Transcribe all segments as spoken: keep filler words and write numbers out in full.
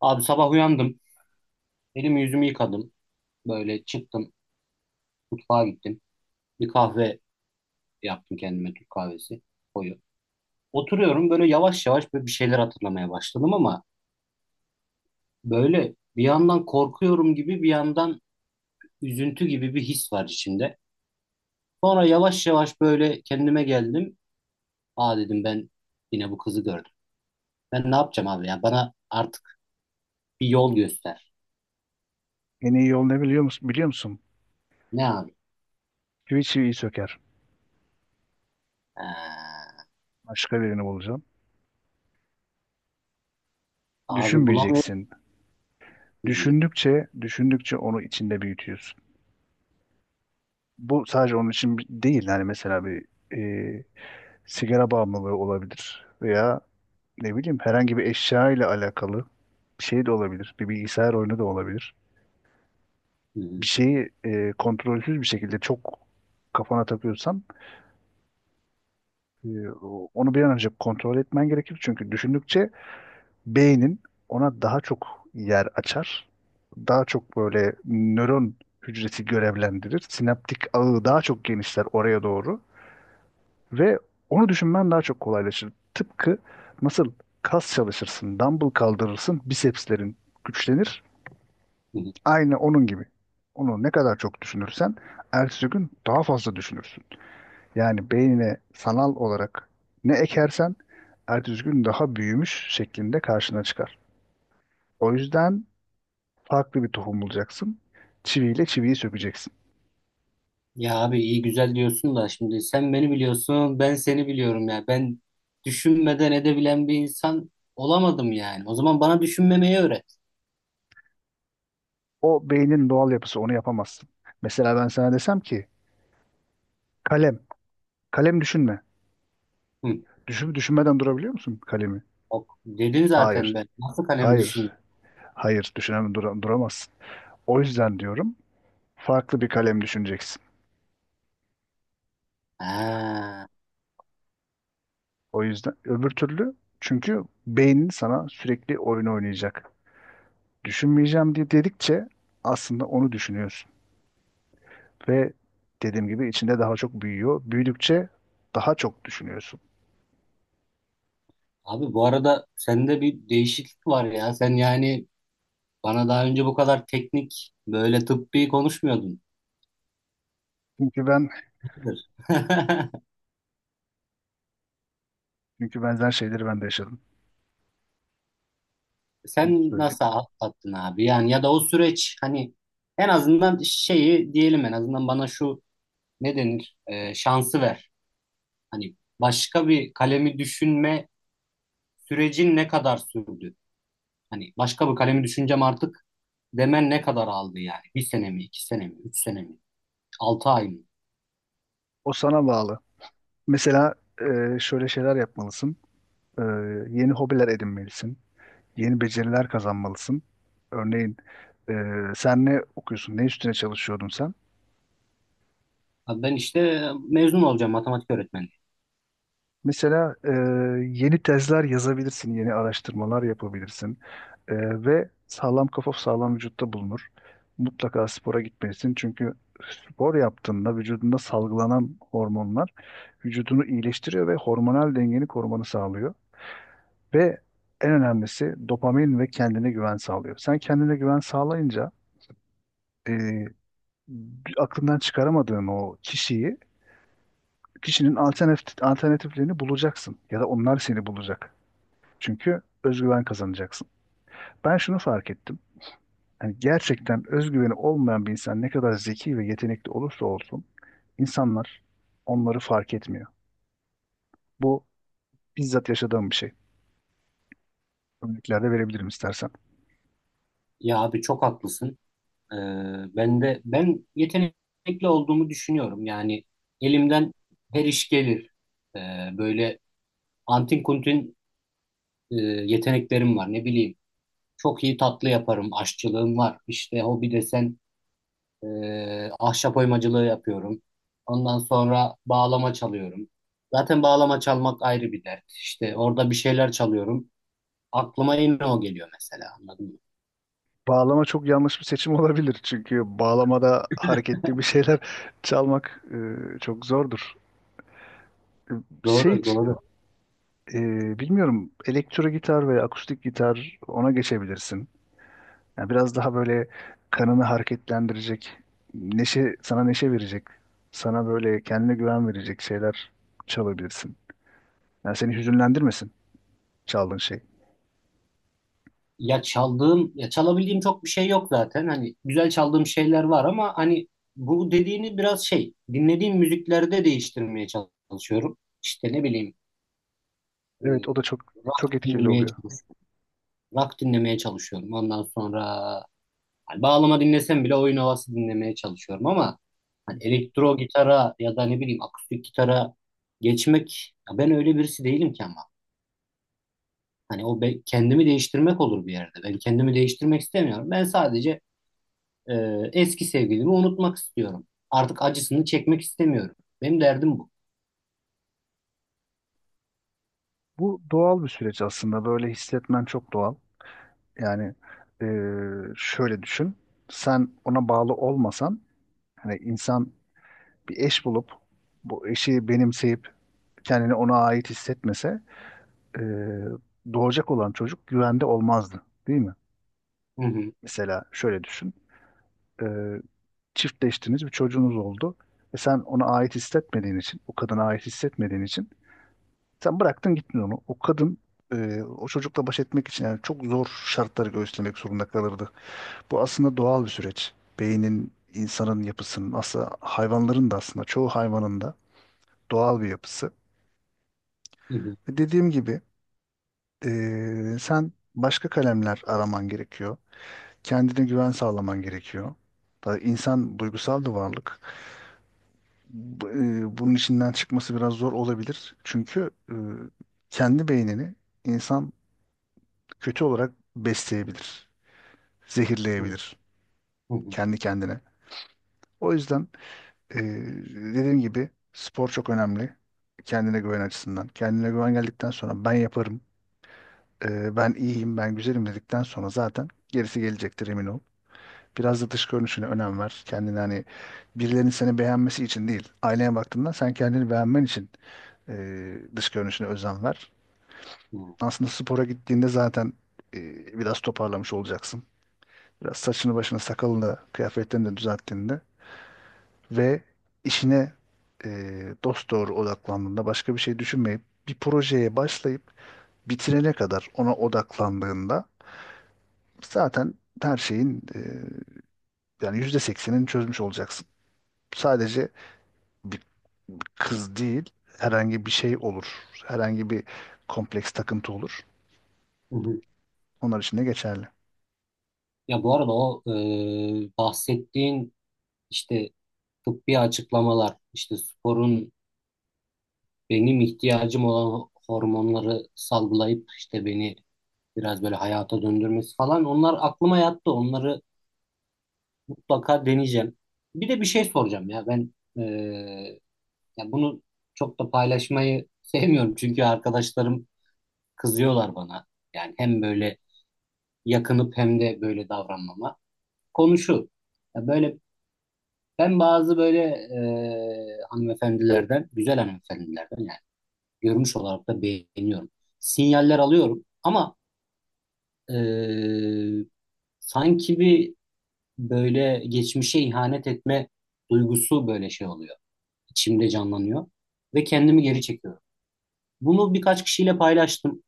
Abi sabah uyandım. Elimi yüzümü yıkadım. Böyle çıktım. Mutfağa gittim. Bir kahve yaptım kendime. Türk kahvesi. Koyu. Oturuyorum böyle yavaş yavaş böyle bir şeyler hatırlamaya başladım ama böyle bir yandan korkuyorum gibi bir yandan üzüntü gibi bir his var içinde. Sonra yavaş yavaş böyle kendime geldim. Aa dedim ben yine bu kızı gördüm. Ben ne yapacağım abi ya? Bana artık bir yol göster. En iyi yol ne biliyor musun? Biliyor musun? Ne abi? Çivi çiviyi söker. Ha, Başka birini bulacağım. abi bulamıyorum. Düşünmeyeceksin. Hı, Düşündükçe, düşündükçe onu içinde büyütüyorsun. Bu sadece onun için bi- değil. Yani mesela bir e, sigara bağımlılığı olabilir. Veya ne bileyim herhangi bir eşya ile alakalı bir şey de olabilir. Bir bilgisayar oyunu da olabilir. hı, Bir şeyi e, kontrolsüz bir şekilde çok kafana takıyorsan e, o- onu bir an önce kontrol etmen gerekir. Çünkü düşündükçe beynin ona daha çok yer açar. Daha çok böyle nöron hücresi görevlendirir. Sinaptik ağı daha çok genişler oraya doğru ve onu düşünmen daha çok kolaylaşır. Tıpkı nasıl kas çalışırsın, dumbbell kaldırırsın, bisepslerin güçlenir. hı. Aynı onun gibi. Onu ne kadar çok düşünürsen ertesi gün daha fazla düşünürsün. Yani beynine sanal olarak ne ekersen ertesi gün daha büyümüş şeklinde karşına çıkar. O yüzden farklı bir tohum bulacaksın. Çiviyle çiviyi sökeceksin. Ya abi iyi güzel diyorsun da şimdi sen beni biliyorsun ben seni biliyorum ya. Ben düşünmeden edebilen bir insan olamadım yani. O zaman bana düşünmemeyi öğret. O beynin doğal yapısı, onu yapamazsın. Mesela ben sana desem ki kalem, kalem düşünme. Hı. Düşün, düşünmeden durabiliyor musun kalemi? Ok, dedin zaten Hayır, ben. Nasıl kalemi hayır, düşün? hayır düşünemem, dura- duramazsın. O yüzden diyorum, farklı bir kalem düşüneceksin. Ha. O yüzden öbür türlü, çünkü beynin sana sürekli oyun oynayacak. Düşünmeyeceğim diye dedikçe aslında onu düşünüyorsun ve dediğim gibi içinde daha çok büyüyor. Büyüdükçe daha çok düşünüyorsun. Abi bu arada sende bir değişiklik var ya. Sen yani bana daha önce bu kadar teknik böyle tıbbi konuşmuyordun. Çünkü ben Nedir? çünkü benzer şeyleri ben de yaşadım. Nasıl Sen söyleyeyim? nasıl atlattın abi? Yani ya da o süreç hani en azından şeyi diyelim en azından bana şu ne denir? Ee, şansı ver. Hani başka bir kalemi düşünme sürecin ne kadar sürdü? Hani başka bir kalemi düşüneceğim artık demen ne kadar aldı yani? Bir sene mi, iki sene mi, üç sene mi, altı ay mı? O sana bağlı. Mesela e, şöyle şeyler yapmalısın. E, Yeni hobiler edinmelisin. Yeni beceriler kazanmalısın. Örneğin e, sen ne okuyorsun? Ne üstüne çalışıyordun sen? Abi ben işte mezun olacağım matematik öğretmeni. Mesela e, yeni tezler yazabilirsin. Yeni araştırmalar yapabilirsin. E, Ve sağlam kafa sağlam vücutta bulunur. Mutlaka spora gitmelisin. Çünkü spor yaptığında vücudunda salgılanan hormonlar vücudunu iyileştiriyor ve hormonal dengeni korumanı sağlıyor. Ve en önemlisi dopamin ve kendine güven sağlıyor. Sen kendine güven sağlayınca e, aklından çıkaramadığın o kişiyi, kişinin alternatif, alternatiflerini bulacaksın. Ya da onlar seni bulacak. Çünkü özgüven kazanacaksın. Ben şunu fark ettim. Yani gerçekten özgüveni olmayan bir insan ne kadar zeki ve yetenekli olursa olsun insanlar onları fark etmiyor. Bu bizzat yaşadığım bir şey. Örneklerde verebilirim istersen. Ya abi çok haklısın. Ee, Ben de ben yetenekli olduğumu düşünüyorum. Yani elimden her iş gelir. Ee, Böyle antin kuntin e, yeteneklerim var. Ne bileyim, çok iyi tatlı yaparım. Aşçılığım var. İşte hobi desen e, ahşap oymacılığı yapıyorum. Ondan sonra bağlama çalıyorum. Zaten bağlama çalmak ayrı bir dert. İşte orada bir şeyler çalıyorum. Aklıma yine o geliyor mesela. Anladın mı? Bağlama çok yanlış bir seçim olabilir. Çünkü bağlamada hareketli bir şeyler çalmak e, çok zordur. E, Şey, Doğru, doğru. e, bilmiyorum, elektro gitar veya akustik gitar, ona geçebilirsin. Yani biraz daha böyle kanını hareketlendirecek, neşe, sana neşe verecek, sana böyle kendine güven verecek şeyler çalabilirsin. Yani seni hüzünlendirmesin çaldığın şey. Ya çaldığım, ya çalabildiğim çok bir şey yok zaten. Hani güzel çaldığım şeyler var ama hani bu dediğini biraz şey, dinlediğim müziklerde değiştirmeye çalışıyorum. İşte ne bileyim, e, Evet, o da çok çok rock etkili dinlemeye oluyor. çalışıyorum. Rock dinlemeye çalışıyorum. Ondan sonra hani bağlama dinlesem bile oyun havası dinlemeye çalışıyorum ama Hı hani hı. elektro gitara ya da ne bileyim akustik gitara geçmek ya ben öyle birisi değilim ki ama. Hani o be- kendimi değiştirmek olur bir yerde. Ben kendimi değiştirmek istemiyorum. Ben sadece e, eski sevgilimi unutmak istiyorum. Artık acısını çekmek istemiyorum. Benim derdim bu. Bu doğal bir süreç aslında. Böyle hissetmen çok doğal. Yani e, şöyle düşün. Sen ona bağlı olmasan, hani insan bir eş bulup bu eşi benimseyip kendini ona ait hissetmese e, doğacak olan çocuk güvende olmazdı, değil mi? Hı hı, Mesela şöyle düşün. E, Çiftleştiniz, bir çocuğunuz oldu ve sen ona ait hissetmediğin için, o kadına ait hissetmediğin için sen bıraktın gittin onu. O kadın e, o çocukla baş etmek için yani çok zor şartları göğüslemek zorunda kalırdı. Bu aslında doğal bir süreç. Beynin, insanın yapısının, aslında hayvanların da, aslında çoğu hayvanın da doğal bir yapısı. hı hı, Ve dediğim gibi, eee, sen başka kalemler araman gerekiyor. Kendine güven sağlaman gerekiyor. Da insan duygusal bir varlık. Bu- eee, bunun içinden çıkması biraz zor olabilir. Çünkü eee, kendi beynini insan kötü olarak besleyebilir, hı zehirleyebilir hı, hı kendi kendine. O yüzden Ee, dediğim gibi spor çok önemli. Kendine güven açısından. Kendine güven geldikten sonra ben yaparım, e, ben iyiyim, ben güzelim dedikten sonra zaten gerisi gelecektir, emin ol. Biraz da dış görünüşüne önem ver. Kendini hani birilerinin seni beğenmesi için değil, aynaya baktığında sen kendini beğenmen için e, dış görünüşüne özen ver. hı, Aslında spora gittiğinde zaten e, biraz toparlamış olacaksın. Biraz saçını başını sakalını kıyafetlerini de düzelttiğinde ve işine e, dosdoğru odaklandığında, başka bir şey düşünmeyip bir projeye başlayıp bitirene kadar ona odaklandığında zaten her şeyin e, yani yüzde seksenini çözmüş olacaksın. Sadece bir kız değil, herhangi bir şey olur. Herhangi bir kompleks, takıntı olur. hı hı. Onlar için de geçerli. Ya bu arada o e, bahsettiğin işte tıbbi açıklamalar, işte sporun benim ihtiyacım olan hormonları salgılayıp işte beni biraz böyle hayata döndürmesi falan onlar aklıma yattı. Onları mutlaka deneyeceğim. Bir de bir şey soracağım ya ben eee, ya bunu çok da paylaşmayı sevmiyorum çünkü arkadaşlarım kızıyorlar bana. Yani hem böyle yakınıp hem de böyle davranmama. Konu şu. Ya böyle ben bazı böyle eee hanımefendilerden, güzel hanımefendilerden görünüş olarak da beğeniyorum. Sinyaller alıyorum ama e, sanki bir böyle geçmişe ihanet etme duygusu böyle şey oluyor. İçimde canlanıyor ve kendimi geri çekiyorum. Bunu birkaç kişiyle paylaştım.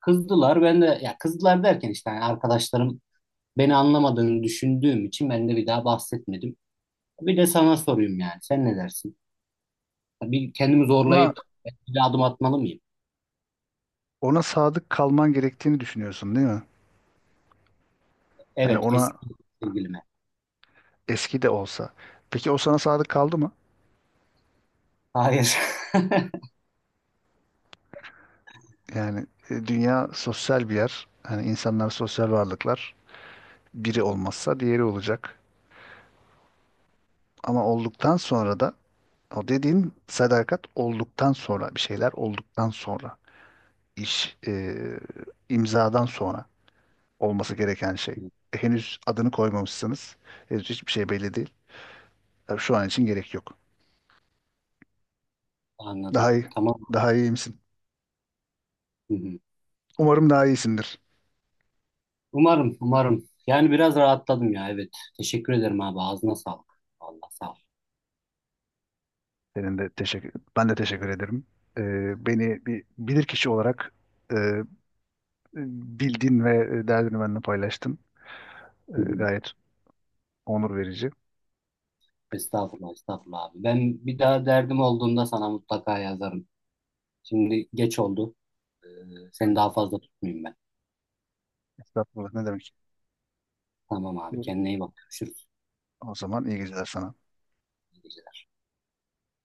Kızdılar. Ben de ya kızdılar derken işte yani arkadaşlarım beni anlamadığını düşündüğüm için ben de bir daha bahsetmedim. Bir de sana sorayım yani. Sen ne dersin? Bir kendimi Ona zorlayıp bir adım atmalı mıyım? ona sadık kalman gerektiğini düşünüyorsun değil mi? Yani Evet, ona, eski sevgilime. eski de olsa. Peki o sana sadık kaldı mı? Hayır. Yani e, dünya sosyal bir yer. Hani insanlar sosyal varlıklar. Biri olmazsa diğeri olacak. Ama olduktan sonra da o dediğin sadakat olduktan sonra, bir şeyler olduktan sonra iş e, imzadan sonra olması gereken şey. Hı, E, henüz adını koymamışsınız. Henüz hiçbir şey belli değil. Tabii şu an için gerek yok. anladım. Daha iyi. Tamam. Daha iyi misin? Hı hı. Umarım daha iyisindir. Umarım, umarım. Yani biraz rahatladım ya. Evet. Teşekkür ederim abi. Ağzına sağlık. Allah sağ ol. Senin de teşekkür, ben de teşekkür ederim. E, Beni bir bilirkişi olarak e, e, bildin ve e, derdini benimle paylaştın. E, Hı hı. Gayet onur verici. Estağfurullah, estağfurullah abi. Ben bir daha derdim olduğunda sana mutlaka yazarım. Şimdi geç oldu. Ee, Seni Tamam. daha fazla tutmayayım ben. Estağfurullah ne demek. Tamam abi. E, Kendine iyi bak. Görüşürüz. O zaman iyi geceler sana.